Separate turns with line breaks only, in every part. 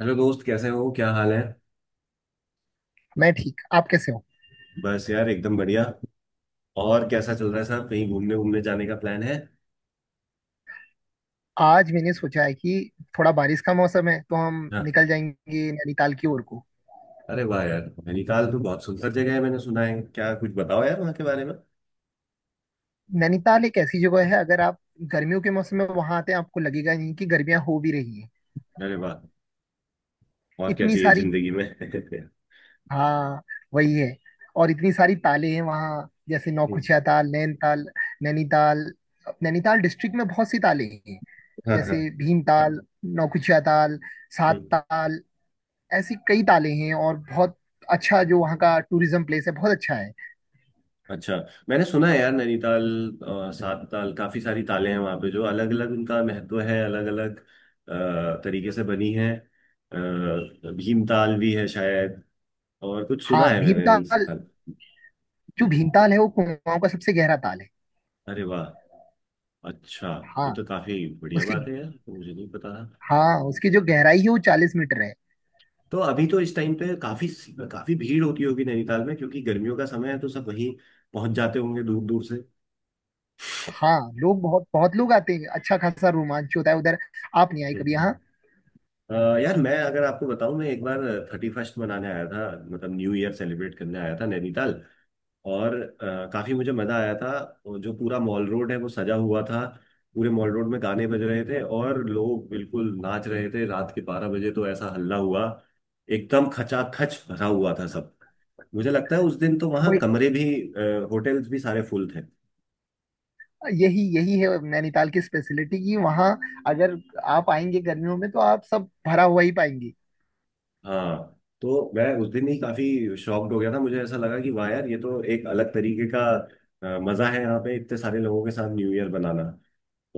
Hello दोस्त, कैसे हो? क्या हाल है?
मैं ठीक। आप कैसे हो?
बस यार, एकदम बढ़िया। और कैसा चल रहा है साहब? कहीं घूमने घूमने जाने का प्लान है?
आज मैंने सोचा है कि थोड़ा बारिश का मौसम है तो हम
हाँ।
निकल जाएंगे नैनीताल की ओर को।
अरे वाह यार, नैनीताल तो बहुत सुंदर जगह है, मैंने सुना है। क्या कुछ बताओ यार वहाँ के बारे में।
नैनीताल एक ऐसी जगह है, अगर आप गर्मियों के मौसम में वहां आते हैं आपको लगेगा नहीं कि गर्मियां हो भी रही हैं।
अरे वाह, और क्या
इतनी
चाहिए
सारी।
जिंदगी में।
हाँ। वही है। और इतनी सारी ताले हैं वहाँ, जैसे
हम्म।
नौखुचिया ताल, नैनीताल। नैनीताल नैनीताल डिस्ट्रिक्ट में बहुत सी ताले हैं,
हाँ
जैसे
हाँ।
भीमताल, नौकुचिया ताल, सात
हम्म।
ताल। ऐसी कई ताले हैं और बहुत अच्छा जो वहाँ का टूरिज्म प्लेस है, बहुत अच्छा है।
अच्छा। मैंने सुना है यार नैनीताल, सात ताल, काफी सारी तालें हैं वहाँ पे, जो अलग अलग उनका महत्व है, अलग अलग तरीके से बनी है। भीम ताल भी है शायद। और कुछ सुना
हाँ,
है मैंने इन सब
भीमताल।
ताल।
जो भीमताल है वो कुमाऊं का सबसे गहरा ताल है।
अरे वाह। अच्छा,
हाँ
ये तो काफी बढ़िया
उसकी
बात है यार, तो मुझे नहीं पता था।
हाँ उसकी जो गहराई है वो 40 मीटर है।
तो अभी तो इस टाइम पे काफी काफी भीड़ होती होगी नैनीताल में, क्योंकि गर्मियों का समय है तो सब वहीं पहुंच जाते होंगे दूर दूर से।
हाँ, लोग, बहुत बहुत लोग आते हैं, अच्छा खासा रोमांच होता है उधर। आप नहीं आए कभी
हम्म।
यहाँ?
अ, यार मैं अगर आपको बताऊं, मैं एक बार 31st मनाने आया था, मतलब न्यू ईयर सेलिब्रेट करने आया था नैनीताल। और काफी मुझे मजा आया था। और जो पूरा मॉल रोड है वो सजा हुआ था। पूरे मॉल रोड में गाने बज रहे थे और लोग बिल्कुल नाच रहे थे रात के 12 बजे। तो ऐसा हल्ला हुआ, एकदम खचाखच भरा हुआ था सब। मुझे लगता है उस दिन तो वहाँ
वही
कमरे भी, होटल्स भी सारे फुल थे।
यही यही है नैनीताल की स्पेशलिटी, कि वहाँ अगर आप आएंगे गर्मियों में तो आप सब भरा हुआ ही पाएंगे।
हाँ तो मैं उस दिन ही काफी शॉक्ड हो गया था, मुझे ऐसा लगा कि वाह यार, ये तो एक अलग तरीके का मजा है यहाँ पे, इतने सारे लोगों के साथ न्यू ईयर बनाना।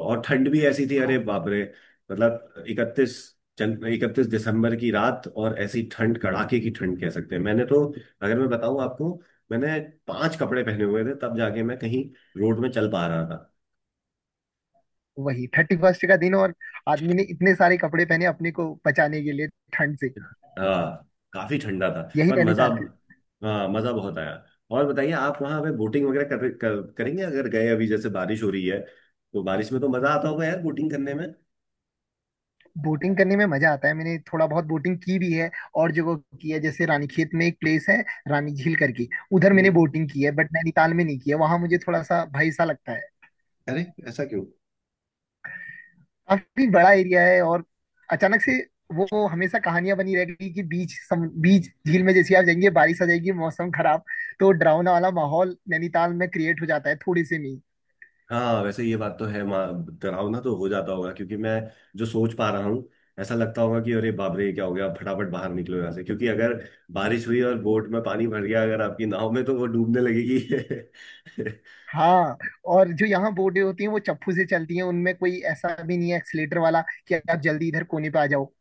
और ठंड भी ऐसी थी, अरे बाप रे। मतलब 31 दिसंबर की रात और ऐसी ठंड, कड़ाके की ठंड कह सकते हैं। मैंने तो, अगर मैं बताऊं आपको, मैंने पांच कपड़े पहने हुए थे, तब जाके मैं कहीं रोड में चल पा रहा था।
वही 31st का दिन, और आदमी ने इतने सारे कपड़े पहने अपने को बचाने के लिए ठंड से।
हाँ काफी ठंडा था।
यही
पर मजा,
नैनीताल की
हाँ मजा बहुत आया। और बताइए, आप वहां पे बोटिंग वगैरह कर, कर, करेंगे? अगर गए अभी, जैसे बारिश हो रही है तो बारिश में तो मजा आता होगा यार बोटिंग करने में।
बोटिंग करने में मजा आता है। मैंने थोड़ा बहुत बोटिंग की भी है, और जगह की है, जैसे रानीखेत में एक प्लेस है रानी झील करके। उधर मैंने
हम्म।
बोटिंग की है, बट नैनीताल में नहीं की है, वहां मुझे थोड़ा सा भय सा लगता है।
अरे ऐसा क्यों?
काफी बड़ा एरिया है, और अचानक से वो हमेशा कहानियां बनी रहेगी कि बीच झील में जैसे आप जाएंगे, बारिश आ जाएगी, मौसम खराब। तो डरावना वाला माहौल नैनीताल में क्रिएट हो जाता है थोड़े से में ही।
हाँ वैसे ये बात तो है, माँ कराओ ना तो हो जाता होगा, क्योंकि मैं जो सोच पा रहा हूँ, ऐसा लगता होगा कि अरे बाप रे क्या हो गया, फटाफट बाहर निकलो यहाँ से, क्योंकि अगर बारिश हुई और बोट में पानी भर गया, अगर आपकी नाव में, तो वो डूबने लगेगी।
हाँ। और जो यहाँ बोटें होती हैं वो चप्पू से चलती हैं, उनमें कोई ऐसा भी नहीं है एक्सीलेटर वाला कि आप जल्दी इधर कोने पे आ जाओ।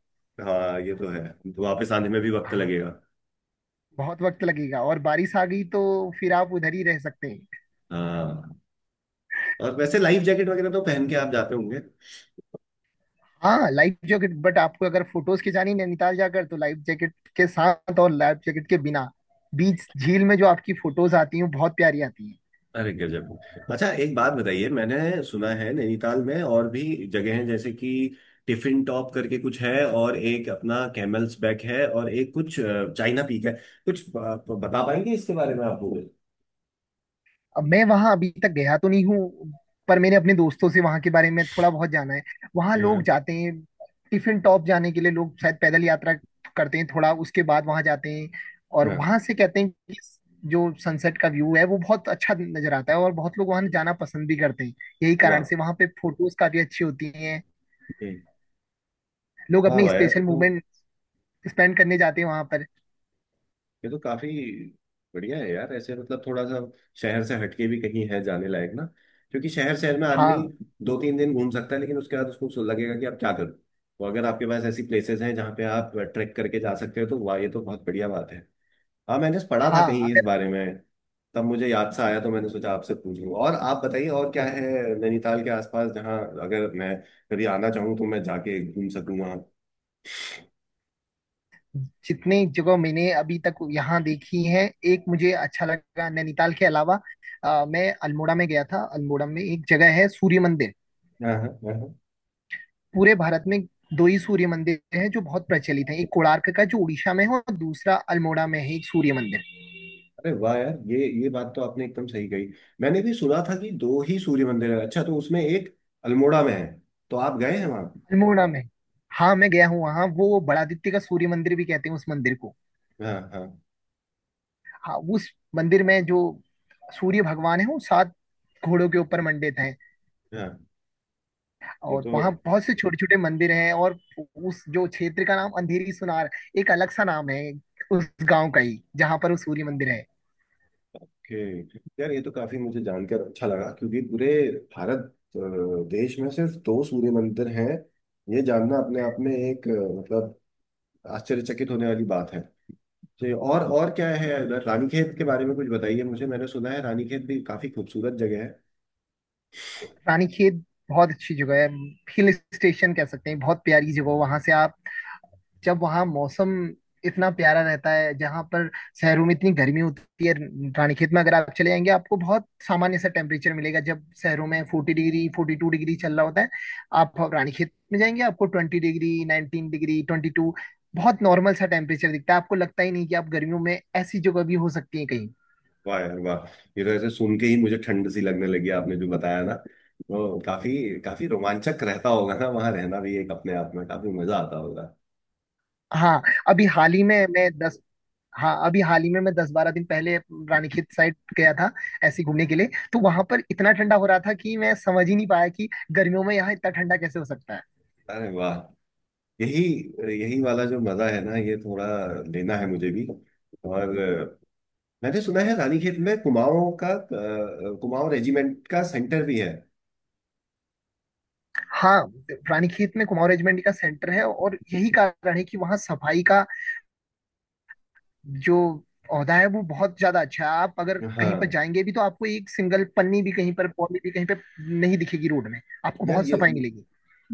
हाँ ये तो है, वापस आने में भी वक्त
हाँ,
लगेगा।
बहुत वक्त लगेगा, और बारिश आ गई तो फिर आप उधर ही रह सकते हैं।
हाँ। और वैसे लाइफ जैकेट वगैरह तो पहन के आप जाते होंगे।
हाँ, लाइफ जैकेट। बट आपको अगर फोटोज खिंचानी नैनीताल जाकर, तो लाइफ जैकेट के साथ और लाइफ जैकेट के बिना बीच झील में जो आपकी फोटोज आती हैं वो बहुत प्यारी आती हैं।
अरे गजब। अच्छा एक बात बताइए, मैंने सुना है नैनीताल में और भी जगह हैं, जैसे कि टिफिन टॉप करके कुछ है, और एक अपना कैमल्स बैक है, और एक कुछ चाइना पीक है। कुछ आप बता पाएंगे इसके बारे में, आप मुझे?
अब मैं वहां अभी तक गया तो नहीं हूँ, पर मैंने अपने दोस्तों से वहां के बारे में थोड़ा बहुत जाना है। वहां लोग
हाँ
जाते हैं। टिफिन टॉप जाने के लिए लोग शायद पैदल यात्रा करते हैं थोड़ा, उसके बाद वहां जाते हैं। और
हाँ।
वहां से कहते हैं कि जो सनसेट का व्यू है वो बहुत अच्छा नजर आता है, और बहुत लोग वहां जाना पसंद भी करते हैं। यही कारण
वाह।
से वहां पे फोटोज काफी अच्छी होती हैं।
हम्म।
लोग
वाह
अपने
वाह यार,
स्पेशल मोमेंट स्पेंड करने जाते हैं वहां पर।
ये तो काफी बढ़िया है यार। ऐसे मतलब थोड़ा सा शहर से हटके भी कहीं है जाने लायक ना, क्योंकि शहर शहर में आदमी
हाँ,
दो तीन दिन घूम सकता है, लेकिन उसके बाद उसको लगेगा कि अब क्या करूं। तो अगर आपके पास ऐसी प्लेसेस हैं जहाँ पे आप ट्रैक करके जा सकते हो, तो वाह, ये तो बहुत बढ़िया बात है। हाँ, मैंने पढ़ा था
हाँ।
कहीं इस बारे में, तब मुझे याद सा आया, तो मैंने सोचा आपसे पूछ लूं। और आप बताइए और क्या है नैनीताल के आसपास, जहाँ अगर मैं कभी आना चाहूँ तो मैं जाके घूम सकूँ वहाँ।
जितनी जगह मैंने अभी तक यहाँ देखी है, एक मुझे अच्छा लगा नैनीताल के अलावा। मैं अल्मोड़ा में गया था। अल्मोड़ा में एक जगह है सूर्य मंदिर।
हाँ हाँ हाँ।
पूरे भारत में दो ही सूर्य मंदिर हैं जो बहुत प्रचलित हैं, एक कोणार्क का जो उड़ीसा में है, और दूसरा अल्मोड़ा में है, एक सूर्य मंदिर।
अरे वाह यार, ये बात तो आपने एकदम सही कही। मैंने भी सुना था कि दो ही सूर्य मंदिर है। अच्छा, तो उसमें एक अल्मोड़ा में है? तो आप गए हैं वहाँ?
अल्मोड़ा में, हाँ, मैं गया हूँ वहाँ। वो बड़ादित्य का सूर्य मंदिर भी कहते हैं उस मंदिर को।
हाँ हाँ
हाँ, उस मंदिर में जो सूर्य भगवान है वो सात घोड़ों के ऊपर मंडित है।
हाँ। ये
और
तो
वहाँ बहुत से छोटे छोटे मंदिर हैं। और उस जो क्षेत्र का नाम अंधेरी सुनार, एक अलग सा नाम है, उस गांव का ही जहाँ पर वो सूर्य मंदिर है।
ओके। यार ये तो काफी मुझे जानकर अच्छा लगा, क्योंकि पूरे भारत अ, देश में सिर्फ दो सूर्य मंदिर हैं, ये जानना अपने आप में एक मतलब आश्चर्यचकित होने वाली बात है। तो ये, और क्या है इधर, रानीखेत के बारे में कुछ बताइए मुझे। मैंने सुना है रानीखेत भी काफी खूबसूरत जगह है।
रानीखेत बहुत अच्छी जगह है। हिल स्टेशन कह सकते हैं। बहुत प्यारी जगह, वहां से आप, जब वहाँ मौसम इतना प्यारा रहता है जहाँ पर शहरों में इतनी गर्मी होती है। रानीखेत में अगर आप चले जाएंगे, आपको बहुत सामान्य सा टेम्परेचर मिलेगा। जब शहरों में 40 डिग्री 42 डिग्री चल रहा होता है, आप रानीखेत में जाएंगे, आपको 20 डिग्री 19 डिग्री 22, बहुत नॉर्मल सा टेम्परेचर दिखता है। आपको लगता ही नहीं कि आप गर्मियों में ऐसी जगह भी हो सकती है कहीं।
वाह यार वाह। ये तो ऐसे सुन के ही मुझे ठंड सी लगने लगी आपने जो बताया ना, तो काफी काफी रोमांचक रहता होगा ना, वहां रहना भी एक अपने आप में काफी मजा आता होगा।
हाँ, अभी हाल ही में मैं दस हाँ अभी हाल ही में मैं 10-12 दिन पहले रानीखेत साइड गया था, ऐसे ही घूमने के लिए। तो वहां पर इतना ठंडा हो रहा था कि मैं समझ ही नहीं पाया कि गर्मियों में यहाँ इतना ठंडा कैसे हो सकता है।
अरे वाह। यही यही वाला जो मजा है ना, ये थोड़ा लेना है मुझे भी। और मैंने सुना है रानीखेत में कुमाऊं का कुमाऊं रेजिमेंट का सेंटर भी है।
हाँ। रानीखेत में कुमार रेजिमेंट का सेंटर है, और यही कारण है कि वहाँ सफाई का जो औहदा है वो बहुत ज्यादा अच्छा है। आप अगर कहीं पर
हाँ
जाएंगे भी तो आपको एक सिंगल पन्नी भी कहीं पर, पौली भी कहीं पर नहीं दिखेगी रोड में। आपको
यार,
बहुत
ये
सफाई मिलेगी।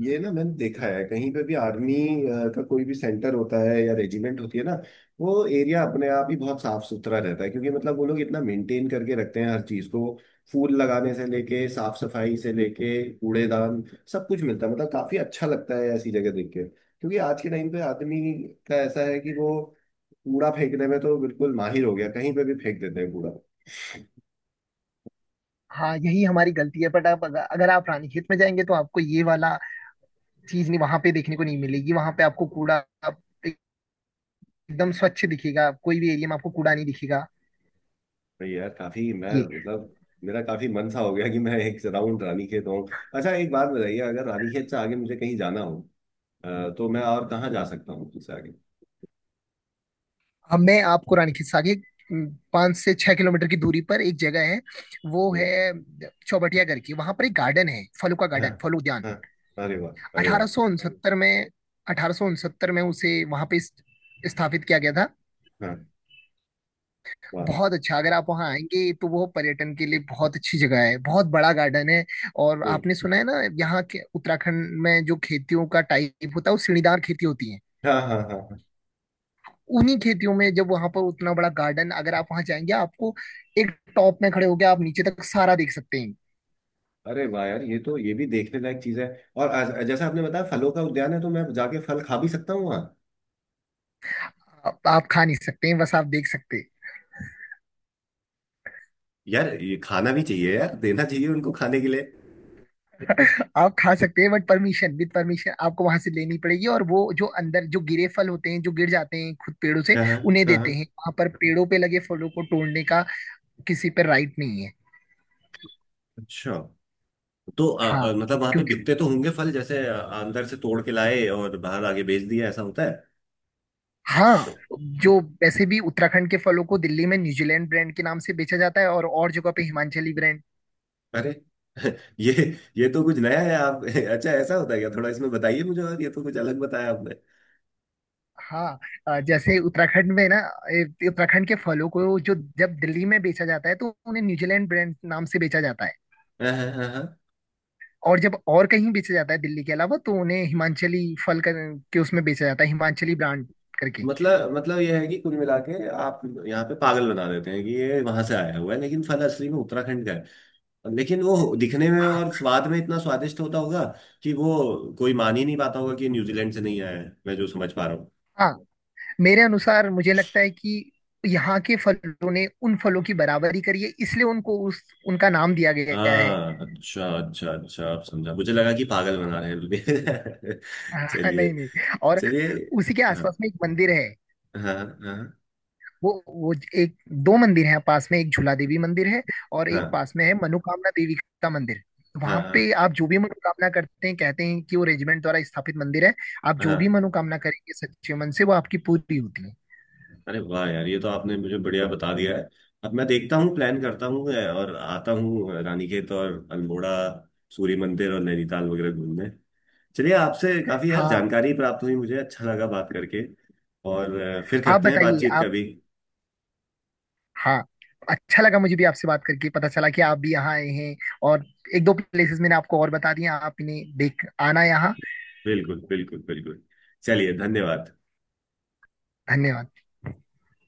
ये ना मैंने देखा है कहीं पे भी आर्मी का कोई भी सेंटर होता है या रेजिमेंट होती है ना, वो एरिया अपने आप ही बहुत साफ सुथरा रहता है, क्योंकि मतलब वो लोग इतना मेंटेन करके रखते हैं हर चीज को। फूल लगाने से लेके, साफ सफाई से लेके, कूड़ेदान, सब कुछ मिलता है। मतलब काफी अच्छा लगता है ऐसी जगह देख के, क्योंकि आज के टाइम पे आदमी का ऐसा है कि वो कूड़ा फेंकने में तो बिल्कुल माहिर हो गया, कहीं पे भी फेंक देते हैं कूड़ा।
हाँ, यही हमारी गलती है। बट आप अगर आप रानीखेत में जाएंगे तो आपको ये वाला चीज नहीं, वहां पे देखने को नहीं मिलेगी। वहां पे आपको कूड़ा आप एकदम स्वच्छ दिखेगा। कोई भी एरिया में आपको कूड़ा नहीं दिखेगा।
भाई यार काफी, मैं
ये
मतलब, मेरा काफी मन सा हो गया कि मैं एक राउंड रानी खेत हूँ। अच्छा एक बात बताइए, अगर रानी खेत से आगे मुझे कहीं जाना हो तो मैं और कहाँ जा सकता हूँ उससे आगे?
अब मैं आपको रानीखेत से आगे उम, 5 से 6 किलोमीटर की दूरी पर एक जगह है, वो
हम्म।
है चौबटिया करके। वहां पर एक गार्डन है, फलों का
हाँ
गार्डन, फल उद्यान।
हाँ। अरे वाह। अरे वाह।
अठारह सौ उनसत्तर में अठारह सौ उनसत्तर में उसे वहां पे स्थापित किया गया था।
हाँ। वाह।
बहुत अच्छा, अगर आप वहाँ आएंगे तो वो पर्यटन के लिए बहुत अच्छी जगह है, बहुत बड़ा गार्डन है। और
हम्म।
आपने सुना है ना, यहाँ के उत्तराखंड में जो खेतियों का टाइप होता है वो सीढ़ीदार खेती होती है।
हाँ हाँ हाँ।
उन्हीं खेतियों में जब वहाँ पर उतना बड़ा गार्डन, अगर आप वहाँ जाएंगे आपको, एक टॉप में खड़े होके आप नीचे तक सारा देख सकते हैं।
अरे वाह यार, ये तो ये भी देखने लायक चीज है। और जैसा आपने बताया फलों का उद्यान है, तो मैं जाके फल खा भी सकता हूँ वहाँ?
आप खा नहीं सकते हैं, बस आप देख सकते हैं।
यार ये खाना भी चाहिए यार, देना चाहिए उनको खाने के लिए।
आप खा सकते हैं, बट परमिशन, विद परमिशन आपको वहां से लेनी पड़ेगी। और वो जो अंदर जो गिरे फल होते हैं जो गिर जाते हैं खुद पेड़ों से,
हाँ हाँ।
उन्हें
हाँ,
देते
हाँ।
हैं। वहां पर पेड़ों पे लगे फलों को तोड़ने का किसी पे राइट नहीं है।
अच्छा, तो
हाँ।
मतलब वहां पे
क्योंकि।
बिकते तो होंगे फल, जैसे अंदर से तोड़ के लाए और बाहर आगे बेच दिया, ऐसा होता है?
हाँ, जो वैसे भी उत्तराखंड के फलों को दिल्ली में न्यूजीलैंड ब्रांड के नाम से बेचा जाता है, और जगह पे हिमाचली ब्रांड।
अरे, ये ये तो कुछ नया है आप। अच्छा ऐसा होता है क्या? थोड़ा इसमें बताइए मुझे, और ये तो कुछ अलग बताया आपने।
हाँ। जैसे उत्तराखंड में ना, उत्तराखंड के फलों को जो, जब दिल्ली में बेचा जाता है तो उन्हें न्यूजीलैंड ब्रांड नाम से बेचा जाता है।
हाँ हाँ हाँ हाँ।
और जब और कहीं बेचा जाता है दिल्ली के अलावा, तो उन्हें हिमाचली फल के उसमें बेचा जाता है, हिमाचली ब्रांड करके।
मतलब मतलब ये है कि कुल मिला के आप यहाँ पे पागल बना देते हैं कि ये वहां से आया हुआ है, लेकिन फल असली में उत्तराखंड का है। लेकिन वो दिखने में
हाँ,
और स्वाद में इतना स्वादिष्ट होता होगा कि वो कोई मान ही नहीं पाता होगा कि ये न्यूजीलैंड से नहीं आया है, मैं जो समझ पा रहा हूँ।
हाँ, मेरे अनुसार मुझे लगता है कि यहाँ के फलों ने उन फलों की बराबरी करी है, इसलिए उनको उस, उनका नाम दिया गया है।
हाँ अच्छा अच्छा अच्छा, आप समझा। मुझे लगा कि पागल बना रहे हैं बिल्कुल।
हाँ,
चलिए,
नहीं नहीं, और
चलिए।
उसी के
हाँ
आसपास में एक मंदिर है।
हाँ हाँ।
वो एक, दो मंदिर हैं पास में। एक झूला देवी मंदिर है, और एक
हाँ
पास में है मनोकामना देवी का मंदिर। वहां
हाँ
पे आप जो भी मनोकामना करते हैं, कहते हैं कि वो रेजिमेंट द्वारा स्थापित मंदिर है। आप जो भी
हाँ।
मनोकामना करेंगे सच्चे मन से वो आपकी पूरी होती है।
अरे वाह यार, ये तो आपने मुझे बढ़िया बता दिया है। अब मैं देखता हूँ, प्लान करता हूँ मैं, और आता हूँ रानीखेत और अल्मोड़ा सूर्य मंदिर और नैनीताल वगैरह घूमने। चलिए, आपसे काफी यार
हाँ।
जानकारी प्राप्त हुई, मुझे अच्छा लगा बात करके। और फिर
आप
करते हैं
बताइए
बातचीत
आप।
कभी।
हाँ, अच्छा लगा मुझे भी आपसे बात करके, पता चला कि आप भी यहाँ आए हैं, और एक दो प्लेसेस मैंने आपको और बता दिए, आपने देख आना यहाँ।
बिल्कुल बिल्कुल बिल्कुल। चलिए, धन्यवाद।
धन्यवाद।